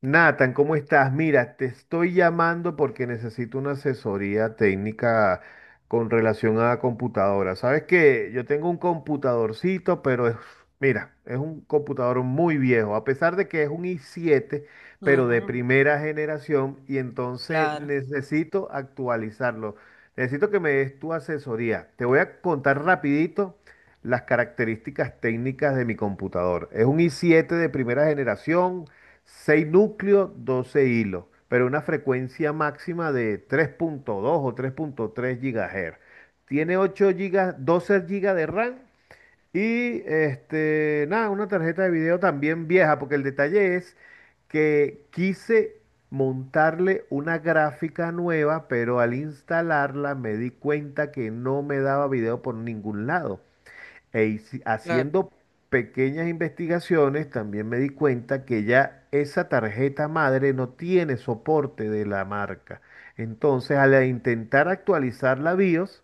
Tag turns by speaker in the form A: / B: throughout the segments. A: Nathan, ¿cómo estás? Mira, te estoy llamando porque necesito una asesoría técnica con relación a computadoras. Sabes que yo tengo un computadorcito, pero mira, es un computador muy viejo, a pesar de que es un i7, pero de
B: Ujú,
A: primera generación, y entonces
B: claro,
A: necesito actualizarlo. Necesito que me des tu asesoría. Te voy a contar rapidito las características técnicas de mi computador. Es un i7 de primera generación, 6 núcleos, 12 hilos, pero una frecuencia máxima de 3,2 o 3,3 GHz. Tiene 12 gigas de RAM y este, nada, una tarjeta de video también vieja, porque el detalle es que quise montarle una gráfica nueva, pero al instalarla me di cuenta que no me daba video por ningún lado.
B: claro.
A: Haciendo pequeñas investigaciones, también me di cuenta que ya esa tarjeta madre no tiene soporte de la marca. Entonces, al intentar actualizar la BIOS,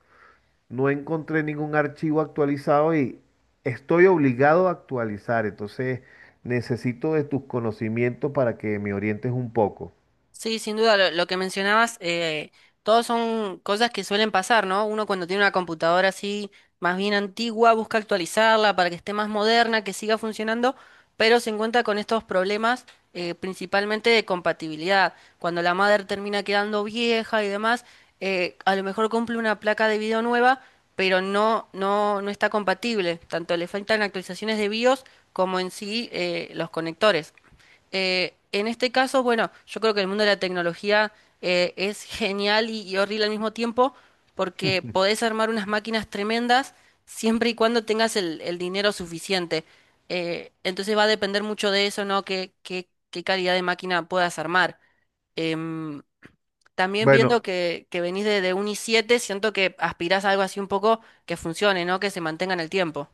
A: no encontré ningún archivo actualizado y estoy obligado a actualizar. Entonces, necesito de tus conocimientos para que me orientes un poco.
B: Sí, sin duda, lo que mencionabas, todos son cosas que suelen pasar, ¿no? Uno cuando tiene una computadora así más bien antigua, busca actualizarla para que esté más moderna, que siga funcionando, pero se encuentra con estos problemas principalmente de compatibilidad. Cuando la madre termina quedando vieja y demás, a lo mejor cumple una placa de video nueva, pero no, no, no está compatible. Tanto le faltan actualizaciones de BIOS como en sí los conectores. En este caso, bueno, yo creo que el mundo de la tecnología es genial y horrible al mismo tiempo, porque podés armar unas máquinas tremendas siempre y cuando tengas el dinero suficiente. Entonces va a depender mucho de eso, ¿no? ¿Qué calidad de máquina puedas armar? Em, También viendo
A: Bueno,
B: que venís de un i7, siento que aspirás a algo así un poco que funcione, ¿no? Que se mantenga en el tiempo.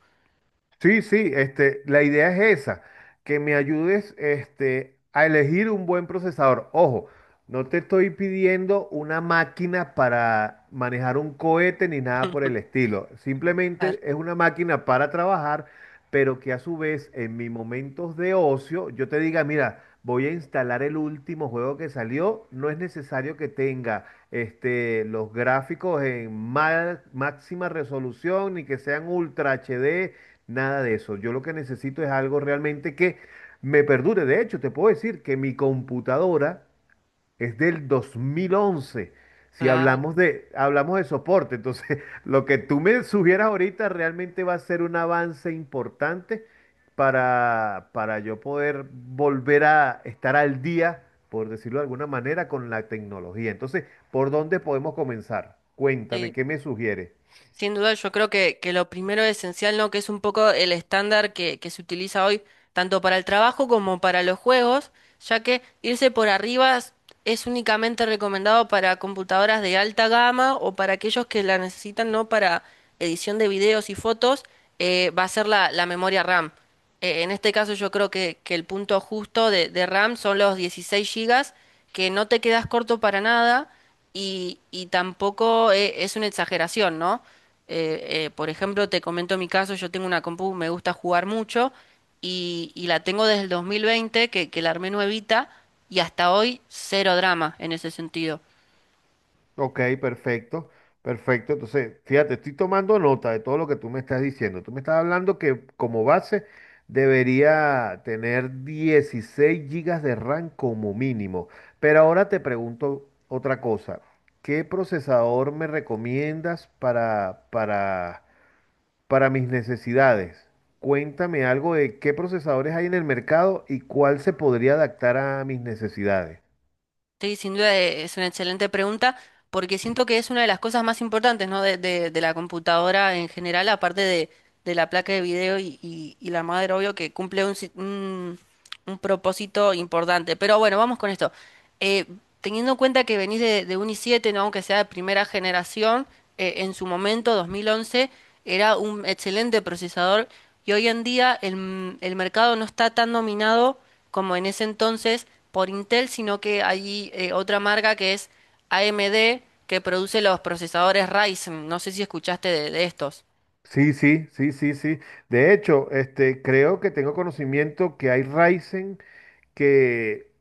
A: sí, sí, la idea es esa, que me ayudes a elegir un buen procesador. Ojo, no te estoy pidiendo una máquina para manejar un cohete ni nada por el estilo.
B: Claro,
A: Simplemente es una máquina para trabajar, pero que a su vez en mis momentos de ocio yo te diga, mira, voy a instalar el último juego que salió. No es necesario que tenga los gráficos en máxima resolución ni que sean ultra HD. Nada de eso. Yo lo que necesito es algo realmente que me perdure. De hecho, te puedo decir que mi computadora es del 2011. Si
B: claro,
A: hablamos de soporte, entonces lo que tú me sugieras ahorita realmente va a ser un avance importante para yo poder volver a estar al día, por decirlo de alguna manera, con la tecnología. Entonces, ¿por dónde podemos comenzar? Cuéntame,
B: sí.
A: ¿qué me sugieres?
B: Sin duda, yo creo que lo primero esencial, ¿no? Que es un poco el estándar que se utiliza hoy, tanto para el trabajo como para los juegos, ya que irse por arriba es únicamente recomendado para computadoras de alta gama o para aquellos que la necesitan, ¿no? Para edición de videos y fotos, va a ser la memoria RAM. En este caso, yo creo que el punto justo de RAM son los 16 gigas, que no te quedas corto para nada y tampoco es una exageración, ¿no? Por ejemplo, te comento mi caso, yo tengo una compu, me gusta jugar mucho y la tengo desde el 2020, que la armé nuevita y hasta hoy cero drama en ese sentido.
A: Ok, perfecto. Entonces, fíjate, estoy tomando nota de todo lo que tú me estás diciendo. Tú me estás hablando que como base debería tener 16 gigas de RAM como mínimo. Pero ahora te pregunto otra cosa. ¿Qué procesador me recomiendas para mis necesidades? Cuéntame algo de qué procesadores hay en el mercado y cuál se podría adaptar a mis necesidades.
B: Sí, sin duda es una excelente pregunta, porque siento que es una de las cosas más importantes, ¿no? De la computadora en general, aparte de la placa de video y la madre, obvio, que cumple un, si- un propósito importante. Pero bueno, vamos con esto. Eh, Teniendo en cuenta que venís de un i7, ¿no? Aunque sea de primera generación, en su momento, 2011, era un excelente procesador y hoy en día el mercado no está tan dominado como en ese entonces por Intel, sino que hay otra marca que es AMD, que produce los procesadores Ryzen. No sé si escuchaste de estos.
A: Sí, sí, sí, sí, sí. De hecho, creo que tengo conocimiento que hay Ryzen que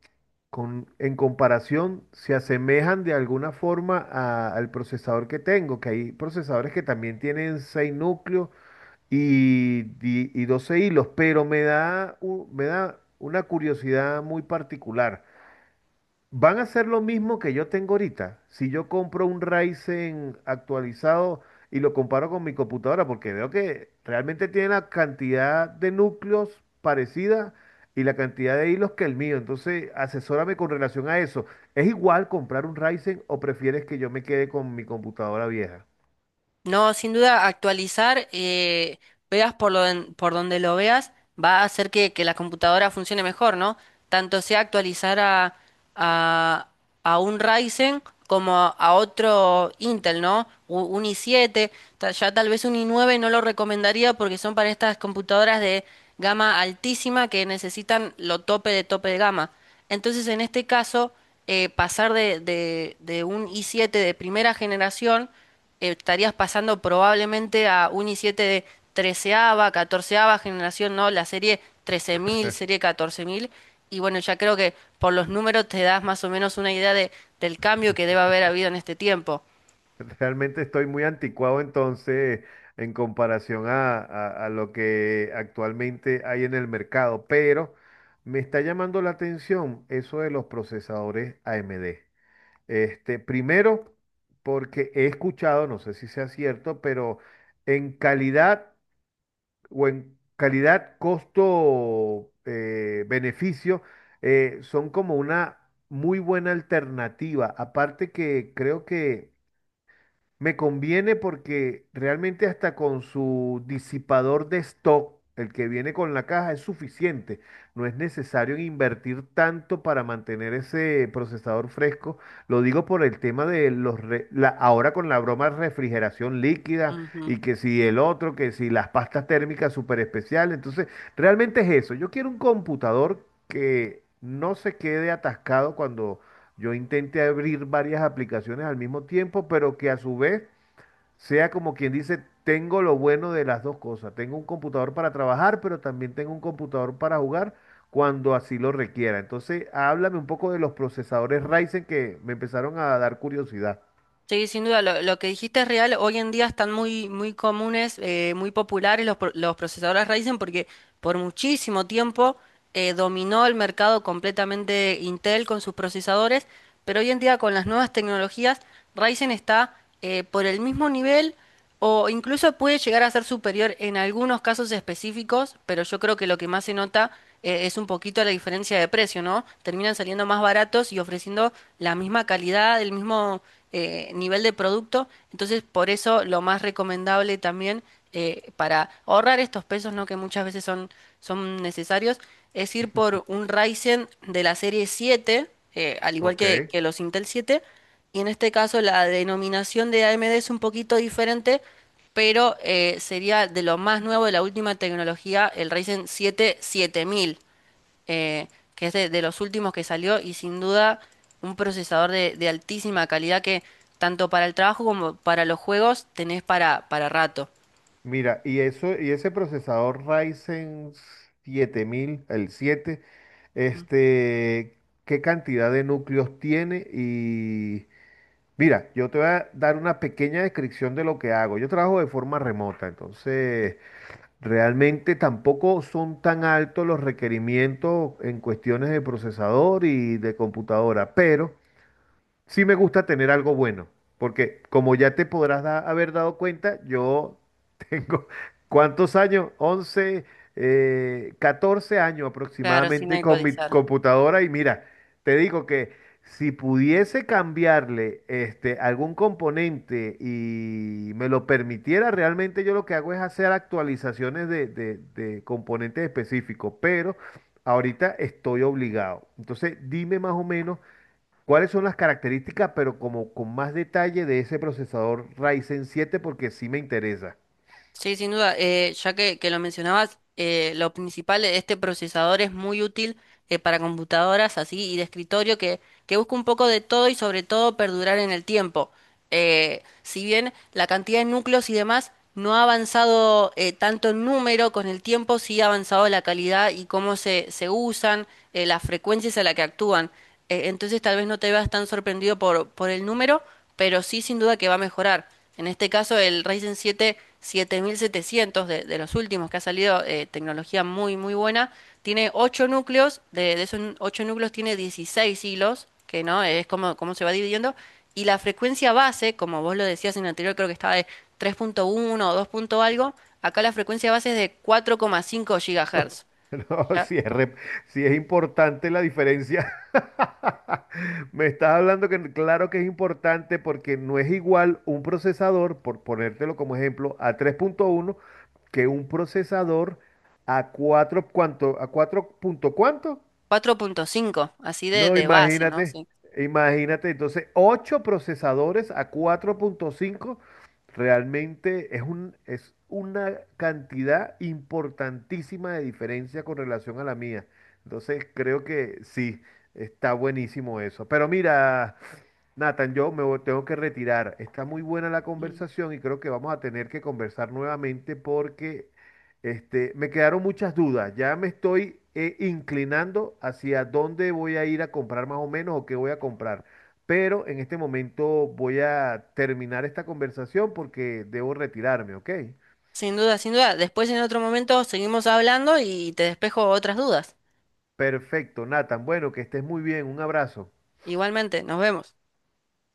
A: en comparación se asemejan de alguna forma al procesador que tengo, que hay procesadores que también tienen 6 núcleos y, y 12 hilos, pero me da una curiosidad muy particular. Van a hacer lo mismo que yo tengo ahorita. Si yo compro un Ryzen actualizado y lo comparo con mi computadora, porque veo que realmente tiene la cantidad de núcleos parecida y la cantidad de hilos que el mío. Entonces, asesórame con relación a eso. ¿Es igual comprar un Ryzen o prefieres que yo me quede con mi computadora vieja?
B: No, sin duda, actualizar, veas por donde lo veas, va a hacer que la computadora funcione mejor, ¿no? Tanto sea actualizar a, a un Ryzen como a otro Intel, ¿no? Un i7, ya tal vez un i9 no lo recomendaría porque son para estas computadoras de gama altísima que necesitan lo tope de gama. Entonces, en este caso, pasar de un i7 de primera generación, estarías pasando probablemente a un i7 de treceava, catorceava generación, ¿no? La serie 13.000, serie 14.000. Y bueno, ya creo que por los números te das más o menos una idea del cambio que debe haber habido en este tiempo.
A: Realmente estoy muy anticuado entonces en comparación a lo que actualmente hay en el mercado, pero me está llamando la atención eso de los procesadores AMD. Este, primero, porque he escuchado, no sé si sea cierto, pero en calidad o en calidad costo beneficio, son como una muy buena alternativa. Aparte que creo que me conviene porque realmente hasta con su disipador de stock, el que viene con la caja, es suficiente. No es necesario invertir tanto para mantener ese procesador fresco. Lo digo por el tema de los... re- la- ahora con la broma de refrigeración líquida
B: Ujú.
A: y que si el otro, que si las pastas térmicas súper especiales. Entonces, realmente es eso. Yo quiero un computador que no se quede atascado cuando yo intenté abrir varias aplicaciones al mismo tiempo, pero que a su vez sea como quien dice, tengo lo bueno de las dos cosas. Tengo un computador para trabajar, pero también tengo un computador para jugar cuando así lo requiera. Entonces, háblame un poco de los procesadores Ryzen que me empezaron a dar curiosidad.
B: Sí, sin duda, lo que dijiste es real. Hoy en día están muy, muy comunes, muy populares los procesadores Ryzen porque por muchísimo tiempo dominó el mercado completamente Intel con sus procesadores, pero hoy en día con las nuevas tecnologías, Ryzen está por el mismo nivel. O incluso puede llegar a ser superior en algunos casos específicos, pero yo creo que lo que más se nota es un poquito la diferencia de precio, ¿no? Terminan saliendo más baratos y ofreciendo la misma calidad, el mismo nivel de producto. Entonces, por eso lo más recomendable también para ahorrar estos pesos, ¿no? Que muchas veces son necesarios, es ir por un Ryzen de la serie siete, al igual
A: Ok.
B: que los Intel siete, y en este caso la denominación de AMD es un poquito diferente, pero sería de lo más nuevo de la última tecnología, el Ryzen 7 7000, eh, que es de los últimos que salió y sin duda un procesador de altísima calidad que tanto para el trabajo como para los juegos tenés para rato.
A: Mira, y ese procesador Ryzen 7000 el siete, este, ¿qué cantidad de núcleos tiene? Y mira, yo te voy a dar una pequeña descripción de lo que hago. Yo trabajo de forma remota, entonces realmente tampoco son tan altos los requerimientos en cuestiones de procesador y de computadora, pero sí me gusta tener algo bueno, porque como ya haber dado cuenta, yo tengo, ¿cuántos años? 14 años
B: Claro, sin
A: aproximadamente con mi
B: actualizar.
A: computadora y mira, te digo que si pudiese cambiarle algún componente y me lo permitiera, realmente yo lo que hago es hacer actualizaciones de componentes específicos, pero ahorita estoy obligado. Entonces, dime más o menos. ¿Cuáles son las características, pero como con más detalle de ese procesador Ryzen 7? Porque sí me interesa.
B: Sí, sin duda. Ya que lo mencionabas, lo principal de este procesador es muy útil para computadoras así y de escritorio que busca un poco de todo y sobre todo perdurar en el tiempo. Si bien la cantidad de núcleos y demás no ha avanzado tanto en número con el tiempo, sí ha avanzado la calidad y cómo se usan, las frecuencias a las que actúan. Entonces tal vez no te veas tan sorprendido por el número, pero sí sin duda que va a mejorar. En este caso el Ryzen siete 7.700 de los últimos que ha salido, tecnología muy muy buena, tiene 8 núcleos, de esos 8 núcleos tiene 16 hilos, que no es como se va dividiendo, y la frecuencia base, como vos lo decías en el anterior, creo que estaba de 3,1 o 2 punto algo. Acá la frecuencia base es de 4,5 GHz,
A: No,
B: ¿ya?
A: si es, re- Sí es importante la diferencia. Me estás hablando que claro que es importante porque no es igual un procesador, por ponértelo como ejemplo, a 3.1 que un procesador a 4, ¿cuánto? ¿A 4 punto cuánto?
B: 4,5 así de,
A: No,
B: de base, ¿no? Sí.
A: imagínate. Entonces, 8 procesadores a 4,5, realmente es una cantidad importantísima de diferencia con relación a la mía. Entonces, creo que sí, está buenísimo eso. Pero mira, Nathan, tengo que retirar. Está muy buena la conversación y creo que vamos a tener que conversar nuevamente porque me quedaron muchas dudas. Ya me estoy inclinando hacia dónde voy a ir a comprar más o menos o qué voy a comprar. Pero en este momento voy a terminar esta conversación porque debo retirarme, ¿ok?
B: Sin duda, sin duda. Después en otro momento seguimos hablando y te despejo otras dudas.
A: Perfecto, Nathan. Bueno, que estés muy bien. Un abrazo.
B: Igualmente, nos vemos.